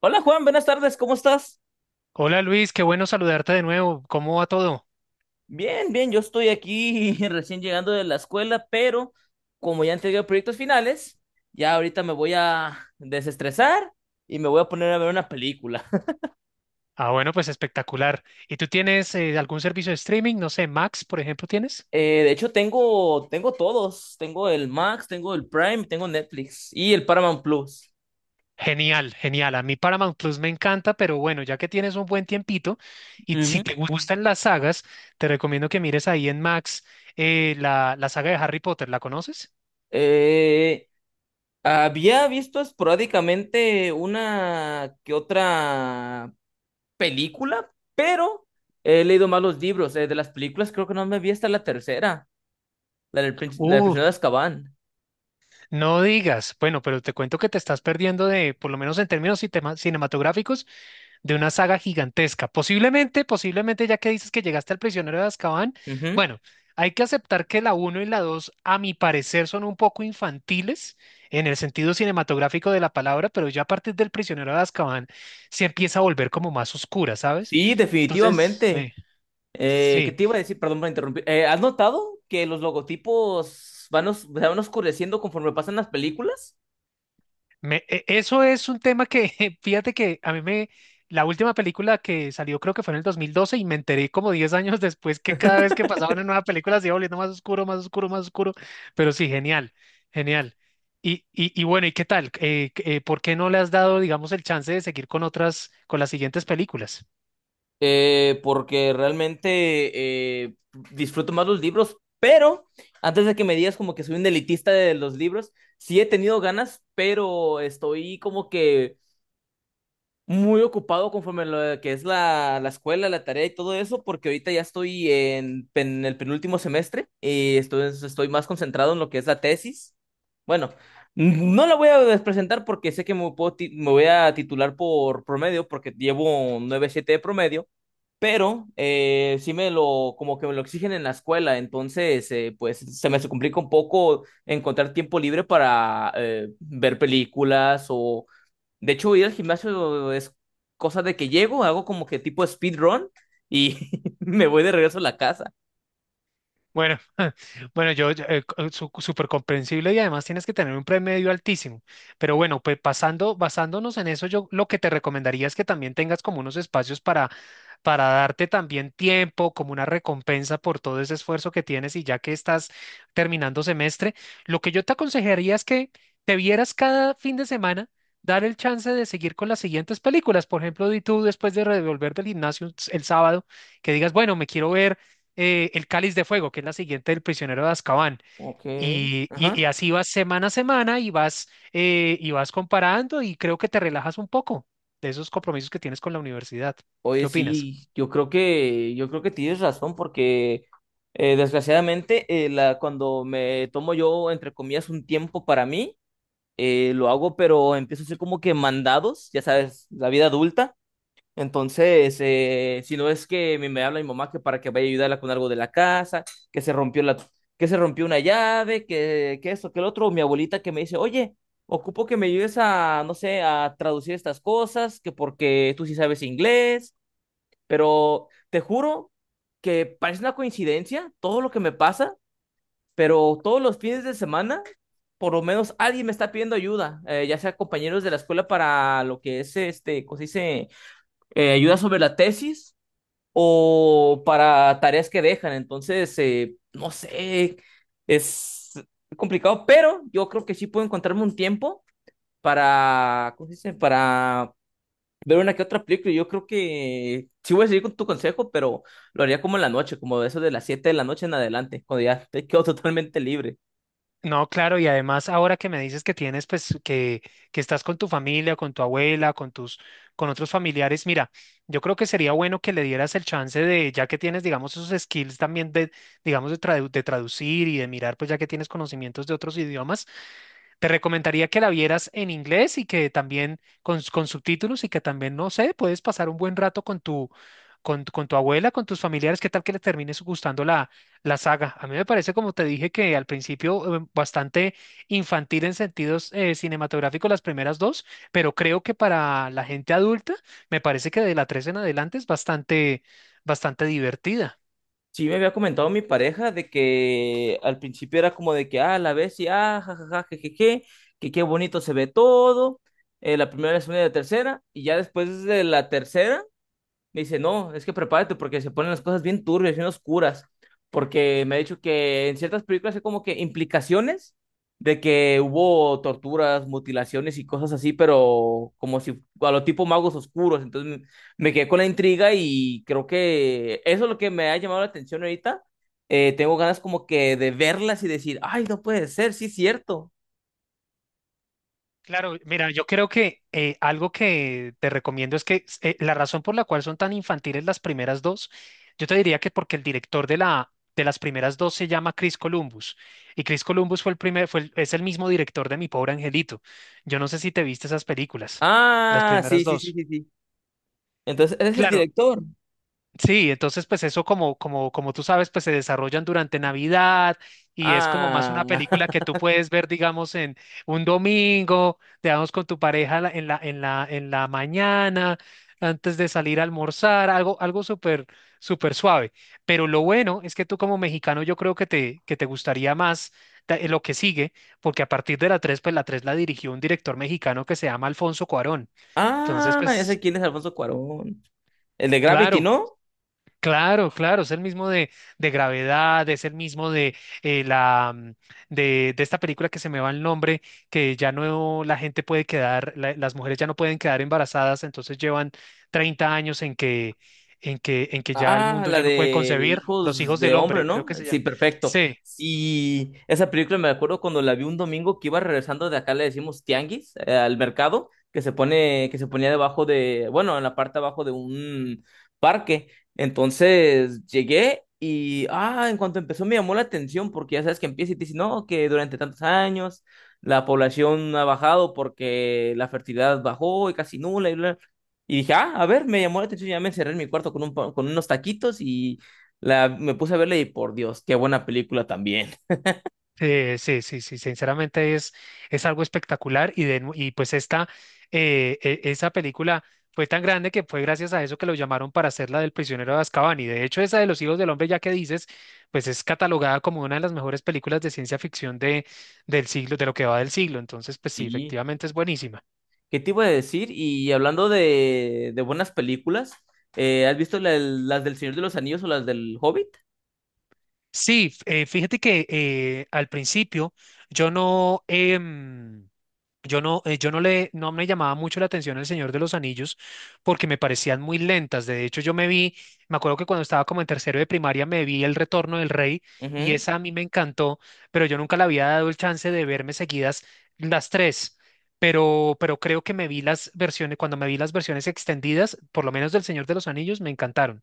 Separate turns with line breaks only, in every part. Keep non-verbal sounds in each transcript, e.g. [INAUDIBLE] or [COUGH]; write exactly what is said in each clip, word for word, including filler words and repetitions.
Hola Juan, buenas tardes, ¿cómo estás?
Hola Luis, qué bueno saludarte de nuevo. ¿Cómo va todo?
Bien, bien, yo estoy aquí [LAUGHS] recién llegando de la escuela, pero como ya entregué proyectos finales, ya ahorita me voy a desestresar y me voy a poner a ver una película. [LAUGHS]
Ah, bueno, pues espectacular. ¿Y tú tienes eh, algún servicio de streaming? No sé, Max, por ejemplo, ¿tienes?
Eh, de hecho, tengo, tengo todos, tengo el Max, tengo el Prime, tengo Netflix y el Paramount Plus.
Genial, genial. A mí Paramount Plus me encanta, pero bueno, ya que tienes un buen tiempito y si
Ujú.
te gu- gustan las sagas, te recomiendo que mires ahí en Max eh, la, la saga de Harry Potter. ¿La conoces?
Eh, Había visto esporádicamente una que otra película, pero he leído más los libros. Eh, de las películas creo que no me vi hasta la tercera, la del, prin- la del
Uh,
prisionero de Azkaban.
no digas. Bueno, pero te cuento que te estás perdiendo de, por lo menos en términos citema- cinematográficos, de una saga gigantesca. Posiblemente, posiblemente, ya que dices que llegaste al prisionero de Azkaban,
Ujú.
bueno, hay que aceptar que la uno y la dos a mi parecer, son un poco infantiles en el sentido cinematográfico de la palabra, pero ya a partir del prisionero de Azkaban se empieza a volver como más oscura, ¿sabes?
Sí,
Entonces,
definitivamente.
sí,
Eh, ¿qué
sí.
te iba a decir? Perdón por interrumpir. Eh, ¿has notado que los logotipos van, os- se van oscureciendo conforme pasan las películas?
Me- e- eso es un tema que, [LAUGHS] fíjate que a mí me, la última película que salió creo que fue en el dos mil doce y me enteré como diez años [LAUGHS] después que cada vez que pasaba una nueva película se iba volviendo más oscuro, más oscuro, más oscuro, pero sí, genial, genial. Y, y, y bueno, ¿y qué tal? Eh, eh, ¿por qué no le has dado, digamos, el chance de seguir con otras, con las siguientes películas?
Eh, porque realmente eh, disfruto más los libros, pero antes de que me digas como que soy un elitista de los libros, sí he tenido ganas, pero estoy como que muy ocupado conforme lo de que es la, la escuela, la tarea y todo eso, porque ahorita ya estoy en, en el penúltimo semestre y estoy, estoy más concentrado en lo que es la tesis. Bueno, no la voy a presentar porque sé que me, puedo ti- me voy a titular por promedio, porque llevo un nueve punto siete de promedio, pero eh, sí me lo, como que me lo exigen en la escuela, entonces eh, pues se me complica un poco encontrar tiempo libre para eh, ver películas o de hecho, ir al gimnasio es cosa de que llego, hago como que tipo speedrun y [LAUGHS] me voy de regreso a la casa.
Bueno, [LAUGHS] bueno, yo, yo, eh, co- su- súper comprensible y además tienes que tener un promedio altísimo. Pero bueno, pues pasando, basándonos en eso, yo lo que te recomendaría es que también tengas como unos espacios para, para darte también tiempo, como una recompensa por todo ese esfuerzo que tienes y ya que estás terminando semestre, lo que yo te aconsejaría es que te vieras cada fin de semana. Dar el chance de seguir con las siguientes películas. Por ejemplo, di tú después de revolver del gimnasio el sábado, que digas, bueno, me quiero ver eh, El Cáliz de Fuego, que es la siguiente del Prisionero de Azkaban.
Ok.
Y, y-
Ajá.
y así vas semana a semana y vas, eh, y vas comparando y creo que te relajas un poco de esos compromisos que tienes con la universidad. ¿Qué
Oye,
opinas?
sí, yo creo que, yo creo que tienes razón porque eh, desgraciadamente eh, la, cuando me tomo yo, entre comillas, un tiempo para mí, eh, lo hago, pero empiezo a hacer como que mandados, ya sabes, la vida adulta. Entonces, eh, si no es que me, me habla mi mamá que para que vaya a ayudarla con algo de la casa, que se rompió la, que se rompió una llave, que, que esto, que el otro, mi abuelita que me dice, oye, ocupo que me ayudes a, no sé, a traducir estas cosas, que porque tú sí sabes inglés, pero te juro que parece una coincidencia todo lo que me pasa, pero todos los fines de semana, por lo menos alguien me está pidiendo ayuda, eh, ya sea compañeros de la escuela para lo que es, este, ¿cómo se dice? Eh, ayuda sobre la tesis o para tareas que dejan. Entonces, eh, no sé, es complicado, pero yo creo que sí puedo encontrarme un tiempo para, ¿cómo se dice? Para ver una que otra película. Yo creo que sí voy a seguir con tu consejo, pero lo haría como en la noche, como de eso de las siete de la noche en adelante, cuando ya te quedo [LAUGHS] totalmente libre.
No, claro, y además ahora que me dices que tienes, pues, que, que estás con tu familia, con tu abuela, con tus, con otros familiares, mira, yo creo que sería bueno que le dieras el chance de, ya que tienes, digamos, esos skills también de, digamos, de, tradu- de traducir y de mirar, pues, ya que tienes conocimientos de otros idiomas. Te recomendaría que la vieras en inglés y que también con, con subtítulos y que también, no sé, puedes pasar un buen rato con tu, con, tu- con tu abuela, con tus familiares, qué tal que le termines gustando la, la saga. A mí me parece, como te dije, que al principio eh, bastante infantil en sentidos eh, cinematográficos las primeras dos, pero creo que para la gente adulta me parece que de la tres en adelante es bastante, bastante divertida.
Sí, me había comentado mi pareja de que al principio era como de que, ah, la ves y, ah, jajaja, jejeje, que qué bonito se ve todo, eh, la primera, la segunda y la tercera, y ya después de la tercera me dice, no, es que prepárate porque se ponen las cosas bien turbias, bien oscuras. Porque me ha dicho que en ciertas películas hay como que implicaciones de que hubo torturas, mutilaciones y cosas así, pero como si a lo tipo magos oscuros. Entonces me quedé con la intriga y creo que eso es lo que me ha llamado la atención ahorita. Eh, tengo ganas como que de verlas y decir, ay, no puede ser, sí es cierto.
Claro, mira, yo creo que eh, algo que te recomiendo es que eh, la razón por la cual son tan infantiles las primeras dos, yo te diría que porque el director de la de las primeras dos se llama Chris Columbus y Chris Columbus fue el primer fue el- es el mismo director de Mi pobre angelito. Yo no sé si te viste esas películas, las
Ah, sí,
primeras
sí, sí,
dos.
sí, sí. Entonces, ese es el
Claro,
director.
sí, entonces pues eso como, como, como tú sabes, pues se desarrollan durante Navidad y es como más una
Ah.
película que
[LAUGHS]
tú puedes ver, digamos, en un domingo, digamos, con tu pareja la- en la, en la, en la mañana, antes de salir a almorzar, algo, algo súper, súper suave. Pero lo bueno es que tú como mexicano yo creo que te, que te gustaría más ta- eh, lo que sigue, porque a partir de la tres pues la tres la dirigió un director mexicano que se llama Alfonso Cuarón. Entonces,
Ah, ya sé
pues,
quién es Alfonso Cuarón. El de Gravity,
claro.
¿no?
Claro, claro, es el mismo de, de gravedad, es el mismo de eh, la mm, de, de esta película que se me va el nombre, que ya no la gente puede quedar, la- las mujeres ya no pueden quedar embarazadas, entonces llevan treinta años en que, en que, en que ya el
Ah,
mundo
la
ya no puede
de
concebir los
Hijos
hijos del
de Hombre,
hombre, creo
¿no?
que se
Sí,
llama.
perfecto.
Sí.
Sí, esa película me acuerdo cuando la vi un domingo que iba regresando de acá, le decimos tianguis, eh, al mercado, que se pone, que se ponía debajo de, bueno, en la parte abajo de un parque. Entonces llegué y, ah, en cuanto empezó me llamó la atención porque ya sabes que empieza y te dice, no, que durante tantos años la población ha bajado porque la fertilidad bajó y casi nula. Y dije, ah, a ver, me llamó la atención, ya me encerré en mi cuarto con, un, pa- con unos taquitos y la, me puse a verla y por Dios, qué buena película también.
Eh, sí, sí, sí, sinceramente es, es algo espectacular y, de, nu- y pues esta, eh, e- esa película fue tan grande que fue gracias a eso que lo llamaron para hacer la del prisionero de Azkaban y de hecho esa de los hijos del hombre ya que dices, pues es catalogada como una de las mejores películas de ciencia ficción de, del siglo, de lo que va del siglo, entonces pues sí,
Sí,
efectivamente es buenísima.
¿qué te iba a decir? Y hablando de, de buenas películas, eh, ¿has visto la- las del Señor de los Anillos o las del Hobbit?
Sí, f- eh, fíjate que eh, al principio yo no... em, yo no, eh, yo no le, no me llamaba mucho la atención El Señor de los Anillos porque me parecían muy lentas. De hecho, yo me vi, me acuerdo que cuando estaba como en tercero de primaria me vi El Retorno del Rey y
Ujú.
esa a mí me encantó, pero yo nunca le había dado el chance de verme seguidas las tres. Pero, pero creo que me vi las versiones, cuando me vi las versiones extendidas, por lo menos del Señor de los Anillos, me encantaron.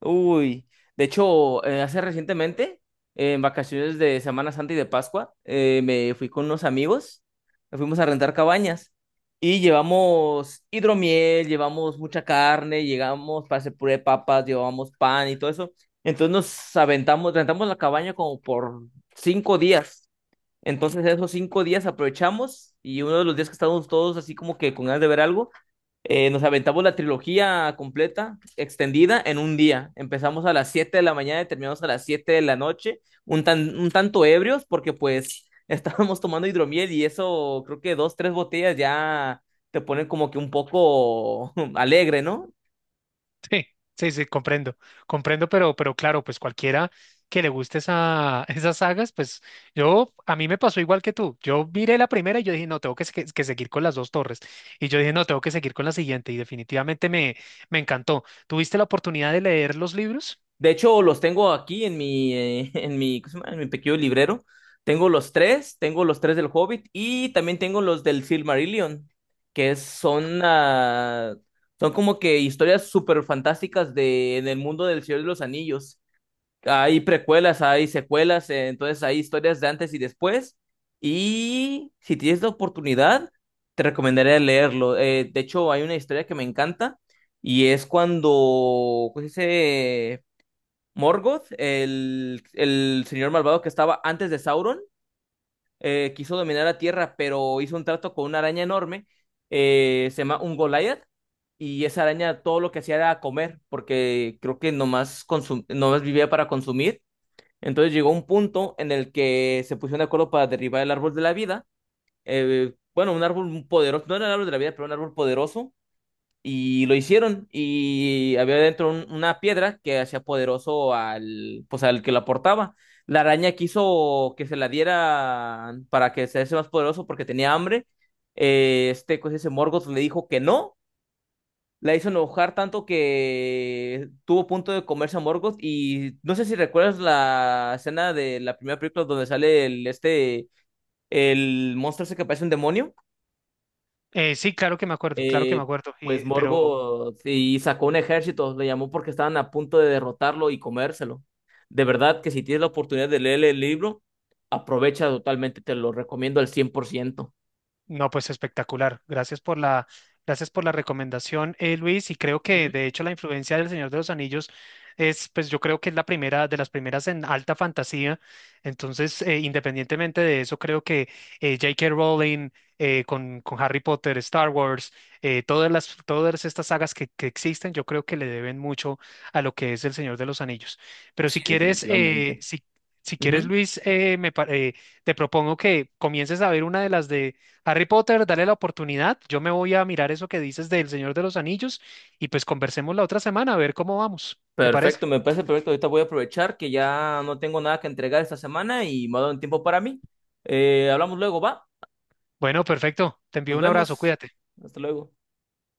Uy, de hecho, eh, hace recientemente, eh, en vacaciones de Semana Santa y de Pascua, eh, me fui con unos amigos, nos fuimos a rentar cabañas y llevamos hidromiel, llevamos mucha carne, llegamos para hacer puré de papas, llevamos pan y todo eso. Entonces nos aventamos, rentamos la cabaña como por cinco días. Entonces esos cinco días aprovechamos y uno de los días que estábamos todos así como que con ganas de ver algo, eh, nos aventamos la trilogía completa, extendida, en un día. Empezamos a las siete de la mañana y terminamos a las siete de la noche, un, tan, un tanto ebrios porque pues [LAUGHS] estábamos tomando hidromiel y eso creo que dos, tres botellas ya te ponen como que un poco [LAUGHS] alegre, ¿no?
Sí, sí, sí, comprendo, comprendo, pero, pero claro, pues cualquiera que le guste esa, [LAUGHS] esas sagas, pues yo, a mí me pasó igual que tú. Yo miré la primera y yo dije, no, tengo que, se- que seguir con las dos torres. Y yo dije, no, tengo que seguir con la siguiente. Y definitivamente me, me encantó. ¿Tuviste la oportunidad de leer los libros?
De hecho, los tengo aquí en mi, eh, [LAUGHS] en mi, ¿cómo se llama? En mi pequeño librero. Tengo los tres, tengo los tres del Hobbit y también tengo los del Silmarillion, que es- son, ah, son como que historias súper fantásticas de, en el mundo del Señor de los Anillos. Hay precuelas, hay secuelas, eh, entonces hay historias de antes y después. Y si tienes la oportunidad, te recomendaría leerlo. Eh, de hecho, hay una historia que me encanta y es cuando, pues, Morgoth, el, el señor malvado que estaba antes de Sauron, eh, quiso dominar la tierra, pero hizo un trato con una araña enorme, eh, se llama un Goliath, y esa araña todo lo que hacía era comer, porque creo que nomás, consum- nomás vivía para consumir. Entonces llegó un punto en el que se pusieron de acuerdo para derribar el árbol de la vida. Eh, bueno, un árbol poderoso, no era el árbol de la vida, pero un árbol poderoso y lo hicieron. Y había dentro un- una piedra que hacía poderoso al, pues al que la portaba. La araña quiso que se la diera para que se hace más poderoso porque tenía hambre. Eh, este, pues ese Morgoth le dijo que no. La hizo enojar tanto que tuvo punto de comerse a Morgoth. Y no sé si recuerdas la escena de la primera película donde sale el, este, el monstruo ese que parece un demonio.
Eh, sí, claro que me acuerdo, claro que me
eh,
acuerdo, y,
pues
pero
Morgoth y sacó un ejército, le llamó porque estaban a punto de derrotarlo y comérselo. De verdad que si tienes la oportunidad de leer el libro, aprovecha totalmente, te lo recomiendo al cien por ciento.
no, pues espectacular. Gracias por la, gracias por la recomendación, eh, Luis. Y creo que
Ujú.
de hecho la influencia del Señor de los Anillos es, pues yo creo que es la primera de las primeras en alta fantasía. Entonces, eh, independientemente de eso, creo que eh, J K. Rowling eh, con, con Harry Potter, Star Wars, eh, todas las, todas estas sagas que, que existen, yo creo que le deben mucho a lo que es el Señor de los Anillos. Pero
Sí,
si quieres, eh,
definitivamente.
si, si quieres,
Ujú.
Luis, eh, me, pa- eh, te propongo que comiences a ver una de las de Harry Potter, dale la oportunidad. Yo me voy a mirar eso que dices del Señor de los Anillos y pues conversemos la otra semana a ver cómo vamos. ¿Te parece?
Perfecto, me parece perfecto. Ahorita voy a aprovechar que ya no tengo nada que entregar esta semana y me ha dado un tiempo para mí. Eh, hablamos luego, va.
Bueno, perfecto. Te envío
Nos
un abrazo.
vemos.
Cuídate.
Hasta luego.